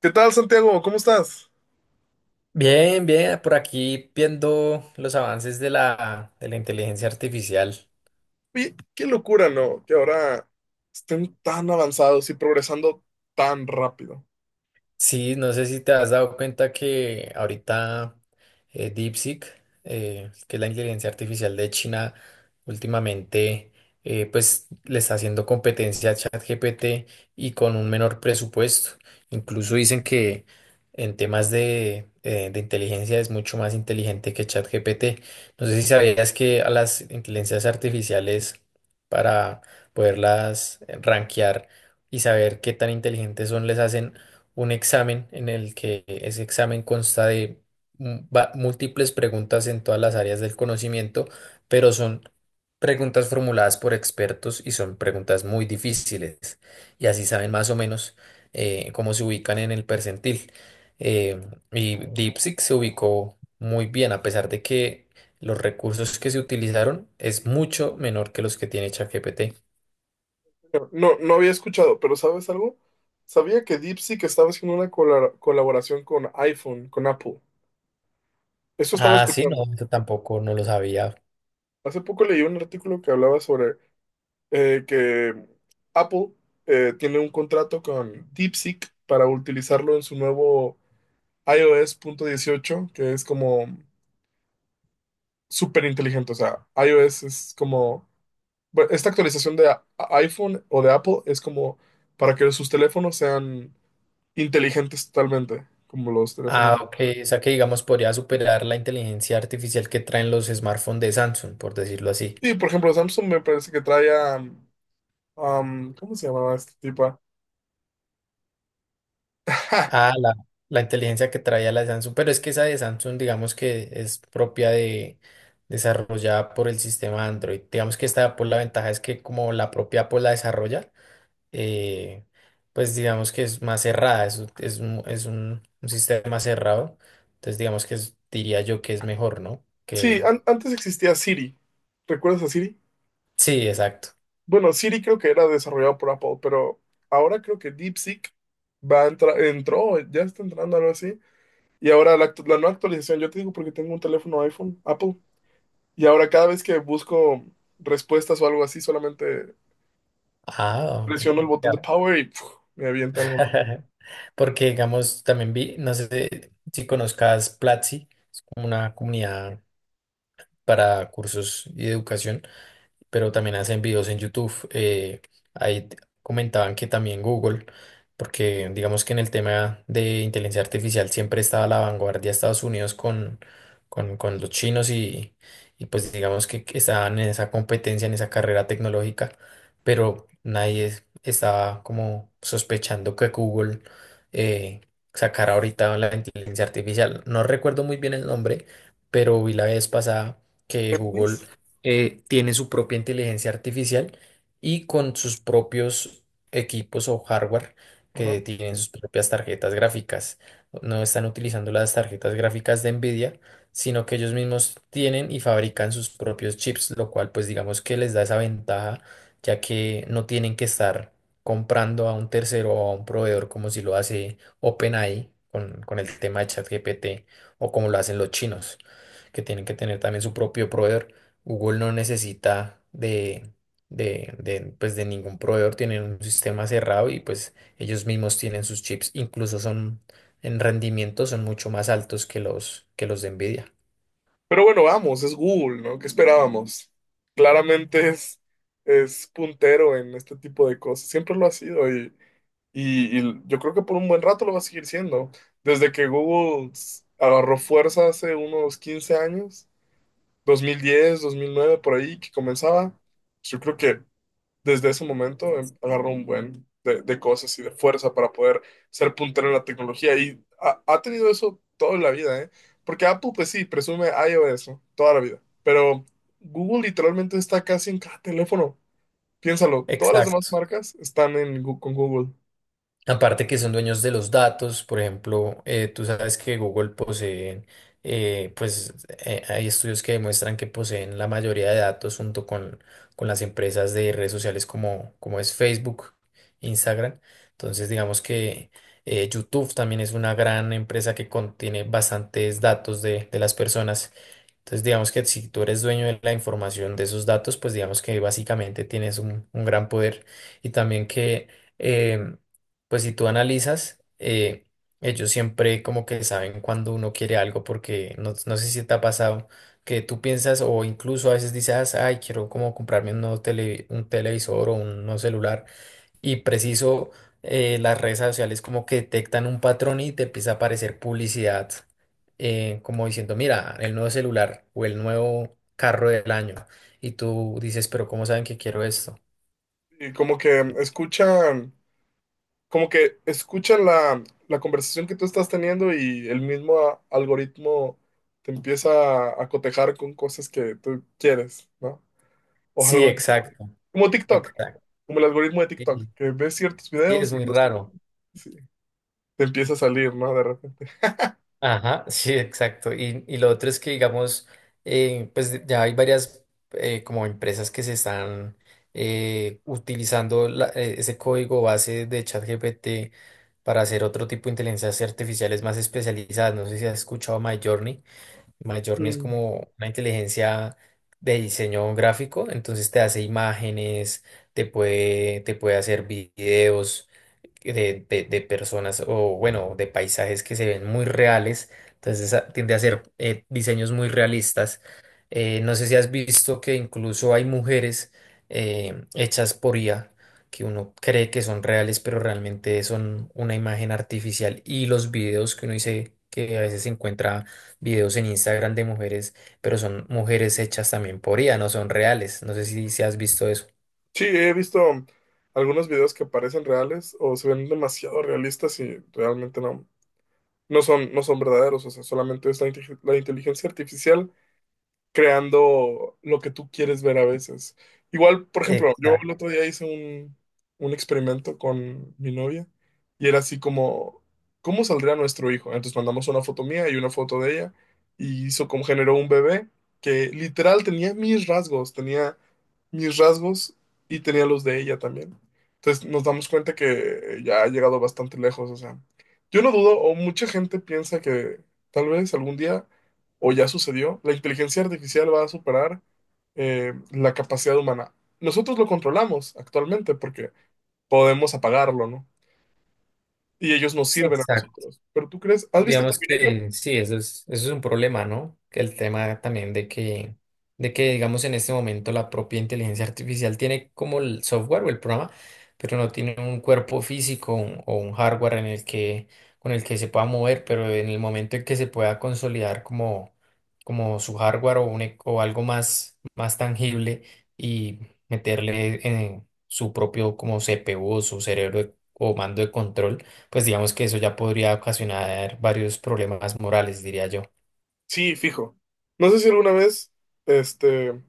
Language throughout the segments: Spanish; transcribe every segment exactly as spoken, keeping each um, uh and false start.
¿Qué tal, Santiago? ¿Cómo estás? Bien, bien, por aquí viendo los avances de la, de la inteligencia artificial. Oye, qué locura, ¿no? Que ahora estén tan avanzados y progresando tan rápido. Sí, no sé si te has dado cuenta que ahorita eh, DeepSeek, eh, que es la inteligencia artificial de China, últimamente eh, pues le está haciendo competencia a ChatGPT y con un menor presupuesto. Incluso dicen que en temas de, eh, de inteligencia es mucho más inteligente que ChatGPT. No sé si sabías que a las inteligencias artificiales para poderlas eh, rankear y saber qué tan inteligentes son, les hacen un examen en el que ese examen consta de mu- va- múltiples preguntas en todas las áreas del conocimiento, pero son preguntas formuladas por expertos y son preguntas muy difíciles. Y así saben más o menos eh, cómo se ubican en el percentil. Eh, y DeepSeek se ubicó muy bien, a pesar de que los recursos que se utilizaron es mucho menor que los que tiene ChatGPT. No, no había escuchado, pero ¿sabes algo? Sabía que DeepSeek estaba haciendo una cola- colaboración con iPhone, con Apple. Eso estaba Ah, sí, no, escuchando. eso tampoco no lo sabía. Hace poco leí un artículo que hablaba sobre eh, que Apple eh, tiene un contrato con DeepSeek para utilizarlo en su nuevo iOS punto dieciocho, que es como súper inteligente. O sea, iOS es como. Bueno, esta actualización de a- iPhone o de Apple es como para que sus teléfonos sean inteligentes totalmente, como los teléfonos Ah, de ok. Apple. O sea que, digamos, podría superar la inteligencia artificial que traen los smartphones de Samsung, por decirlo así. Sí, por ejemplo, Samsung me parece que traía, um, um, ¿cómo se llamaba esta tipa? Ah, la, la inteligencia que traía la de Samsung, pero es que esa de Samsung, digamos que es propia de, desarrollada por el sistema Android. Digamos que esta de Apple, la ventaja es que como la propia Apple la desarrolla, eh, pues digamos que es más cerrada, es, es un, es un- un sistema cerrado. Entonces, digamos que es- diría yo que es mejor, ¿no? Sí, Que, an- antes existía Siri. ¿Recuerdas a Siri? Sí, exacto. Bueno, Siri creo que era desarrollado por Apple, pero ahora creo que DeepSeek va a entrar, entró, ya está entrando algo así. Y ahora la, actu- la nueva actualización, yo te digo porque tengo un teléfono iPhone, Apple. Y ahora cada vez que busco respuestas o algo así, solamente Ah, presiono el botón de power y puf, me avienta algo más. Porque, digamos, también vi, no sé si conozcas Platzi, es como una comunidad para cursos y educación pero también hacen videos en YouTube. eh, ahí t- comentaban que también Google, porque digamos que en el tema de inteligencia artificial siempre estaba a la vanguardia de Estados Unidos con, con, con, los chinos y, y pues digamos que que estaban en esa competencia, en esa carrera tecnológica, pero nadie es- estaba como sospechando que Google eh, sacara ahorita la inteligencia artificial. No recuerdo muy bien el nombre, pero vi la vez pasada que Google Géminis. eh, tiene su propia inteligencia artificial y con sus propios equipos o hardware que Ajá. tienen sus propias tarjetas gráficas. No están utilizando las tarjetas gráficas de Nvidia, sino que ellos mismos tienen y fabrican sus propios chips, lo cual pues digamos que les da esa ventaja, ya que no tienen que estar comprando a un tercero o a un proveedor como si lo hace OpenAI con, con el tema de ChatGPT o como lo hacen los chinos, que tienen que tener también su propio proveedor. Google no necesita de, de, de, pues de ningún proveedor, tienen un sistema cerrado y pues ellos mismos tienen sus chips, incluso son en rendimiento son mucho más altos que los que los de Nvidia. Pero bueno, vamos, es Google, ¿no? ¿Qué esperábamos? Claramente es, es puntero en este tipo de cosas. Siempre lo ha sido y, y- y yo creo que por un buen rato lo va a seguir siendo. Desde que Google s- agarró fuerza hace unos quince años, dos dos mil diez, dos mil nueve por ahí, que comenzaba, yo creo que desde ese momento em, agarró un buen de, de cosas y de fuerza para poder ser puntero en la tecnología y ha, ha tenido eso toda la vida, ¿eh? Porque Apple, pues sí, presume iOS, ¿no? Toda la vida, pero Google literalmente está casi en cada teléfono. Piénsalo, todas las demás Exacto. marcas están en, Gu- con Google. Aparte que son dueños de los datos, por ejemplo, eh, tú sabes que Google posee, eh, pues eh, hay estudios que demuestran que poseen la mayoría de datos junto con, con las empresas de redes sociales como, como es Facebook, Instagram. Entonces, digamos que eh, YouTube también es una gran empresa que contiene bastantes datos de, de las personas. Entonces, digamos que si tú eres dueño de la información de esos datos, pues digamos que básicamente tienes un, un gran poder. Y también que, em, pues si tú analizas, eh, ellos siempre como que saben cuando uno quiere algo, porque no, no sé si te ha pasado que tú piensas o incluso a veces dices, ay, quiero como comprarme un nuevo tele, un televisor o un nuevo celular y preciso eh, las redes sociales como que detectan un patrón y te empieza a aparecer publicidad eh, como diciendo, mira, el nuevo celular o el nuevo carro del año. Y tú dices, pero ¿cómo saben que quiero esto? Y como que em, escuchan, como que escuchan la, la conversación que tú estás teniendo y el mismo a- algoritmo te empieza a, a cotejar con cosas que tú quieres, ¿no? O Sí, algo. exacto, Como TikTok, exacto. como el algoritmo de TikTok, Y- que ves ciertos Sí, es videos y muy los, raro. sí, te empieza a salir, ¿no? De repente. Ajá, sí, exacto. Y, y lo otro es que, digamos, eh, pues de- ya hay varias eh, como empresas que se están eh, utilizando la- eh, ese código base de ChatGPT para hacer otro tipo de inteligencias artificiales más especializadas. No sé si has escuchado Midjourney. Midjourney es Mm. como una inteligencia de diseño gráfico, entonces te hace imágenes, te puede, te puede hacer videos de, de- de personas o bueno, de paisajes que se ven muy reales, entonces a- tiende a ser eh, diseños muy realistas. Eh, no sé si has visto que incluso hay mujeres eh, hechas por I A que uno cree que son reales, pero realmente son una imagen artificial y los videos que uno dice que a veces se encuentra videos en Instagram de mujeres, pero son mujeres hechas también por I A, no son reales. No sé si, si has visto eso. Sí, he visto algunos videos que parecen reales o se ven demasiado realistas y realmente no, no son, no son verdaderos. O sea, solamente es la, inte- la inteligencia artificial creando lo que tú quieres ver a veces. Igual, por ejemplo, yo el Exacto, otro día hice un, un experimento con mi novia y era así como, ¿cómo saldría nuestro hijo? Entonces mandamos una foto mía y una foto de ella y hizo, como generó un bebé que literal tenía mis rasgos, tenía mis rasgos y tenía los de ella también. Entonces nos damos cuenta que ya ha llegado bastante lejos, o sea, yo no dudo, o mucha gente piensa que tal vez algún día o ya sucedió, la inteligencia artificial va a superar eh, la capacidad humana. Nosotros lo controlamos actualmente porque podemos apagarlo, ¿no? Y ellos nos sí, sirven a exacto. nosotros. Pero tú crees, ¿has visto Digamos Terminator? que sí, eso es, eso es un problema, ¿no? Que el tema también de que, de que, digamos, en este momento la propia inteligencia artificial tiene como el software o el programa, pero no tiene un cuerpo físico un- o un hardware en el que, con el que se pueda mover, pero en el momento en que se pueda consolidar como, como su hardware o, un, e- o algo más, más tangible y meterle en su propio como C P U, su cerebro o mando de control pues digamos que eso ya podría ocasionar varios problemas morales, diría yo. Sí, fijo. No sé si alguna vez, este,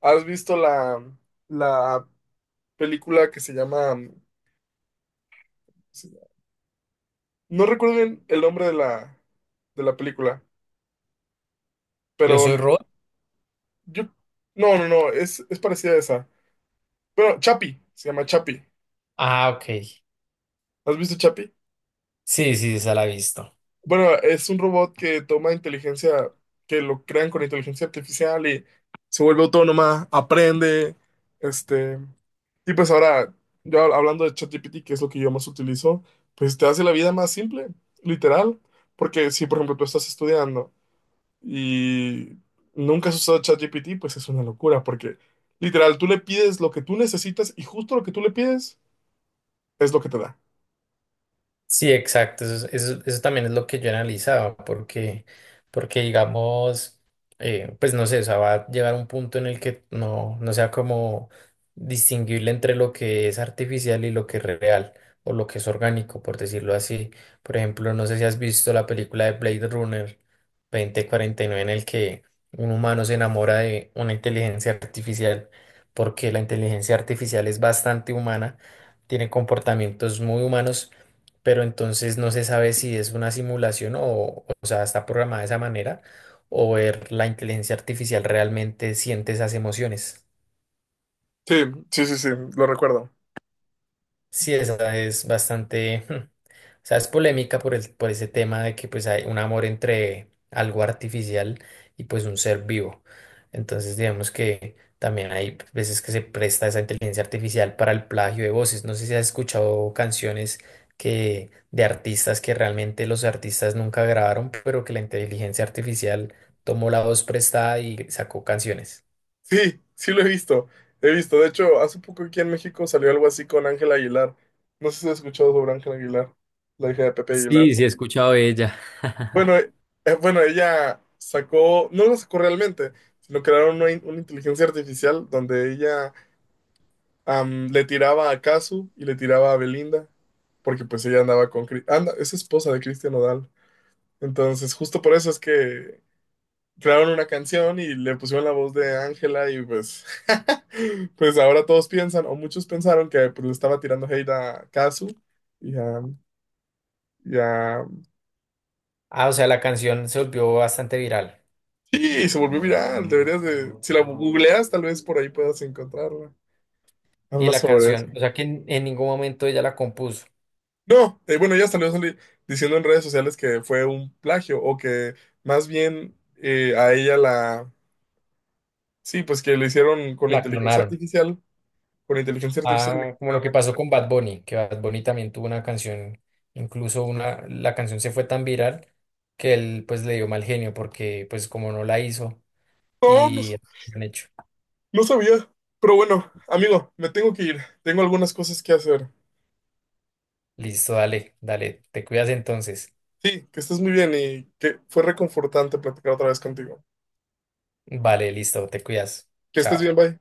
has visto la, la película que se llama, no recuerdo bien el nombre de la, de la película, Yo pero soy Rod. yo, no, no, no, es, es parecida a esa. Bueno, Chapi, se llama Chapi. Ah, ok. ¿Has visto Chapi? Sí, sí, esa la he visto. Bueno, es un robot que toma inteligencia, que lo crean con inteligencia artificial y se vuelve autónoma, aprende, este, y pues ahora, yo hab- hablando de ChatGPT, que es lo que yo más utilizo, pues te hace la vida más simple, literal, porque si, por ejemplo, tú estás estudiando y nunca has usado ChatGPT, pues es una locura, porque literal, tú le pides lo que tú necesitas y justo lo que tú le pides es lo que te da. Sí, exacto. Eso, es- eso, eso también es lo que yo analizaba, porque, porque digamos, eh, pues no sé, o sea, va a llegar un punto en el que no, no sea como distinguible entre lo que es artificial y lo que es real, o lo que es orgánico, por decirlo así. Por ejemplo, no sé si has visto la película de Blade Runner dos mil cuarenta y nueve en el que un humano se enamora de una inteligencia artificial, porque la inteligencia artificial es bastante humana, tiene comportamientos muy humanos pero entonces no se sabe si es una simulación o, o sea, está programada de esa manera o ver la inteligencia artificial realmente siente esas emociones. Sí, sí, sí, sí, lo recuerdo. Sí, esa es bastante, o sea, es polémica por el, por ese tema de que pues hay un amor entre algo artificial y pues un ser vivo. Entonces, digamos que también hay veces que se presta esa inteligencia artificial para el plagio de voces. No sé si has escuchado canciones que de artistas que realmente los artistas nunca grabaron, pero que la inteligencia artificial tomó la voz prestada y sacó canciones. Sí, sí lo he visto. He visto. De hecho, hace poco aquí en México salió algo así con Ángela Aguilar. No sé si has escuchado sobre Ángela Aguilar, la hija de Pepe Sí, Aguilar. sí, he escuchado de ella. Bueno, eh, eh, bueno, ella sacó, no lo sacó realmente, sino crearon una, in- una inteligencia artificial donde ella, am, le tiraba a Casu y le tiraba a Belinda, porque pues ella andaba con... Cri- Anda, es esposa de Cristian Nodal. Entonces, justo por eso es que crearon una canción y le pusieron la voz de Ángela y pues, pues ahora todos piensan, o muchos pensaron que pues, le estaba tirando hate a Kazu y a, y a- Ah, o sea, la canción se volvió bastante viral. Sí, se volvió viral, deberías de... Si la googleas, tal vez por ahí puedas encontrarla. Y Habla la sobre eso. canción, o sea que en, en ningún momento ella la compuso, No, eh, bueno, ya salió sali- diciendo en redes sociales que fue un plagio o que más bien eh, a ella la... Sí, pues que lo hicieron con la inteligencia clonaron. artificial, con inteligencia artificial. Le Ah, como lo crearon que la pasó canción. con Bad Bunny, que Bad Bunny también tuvo una canción, incluso una, la canción se fue tan viral que él pues le dio mal genio porque pues como no la hizo No, no. y han hecho. No sabía, pero bueno, amigo, me tengo que ir. Tengo algunas cosas que hacer. Listo, dale, dale, te cuidas entonces. Sí, que estés muy bien y que fue reconfortante platicar otra vez contigo. Vale, listo, te cuidas. Que estés Chao. bien, bye.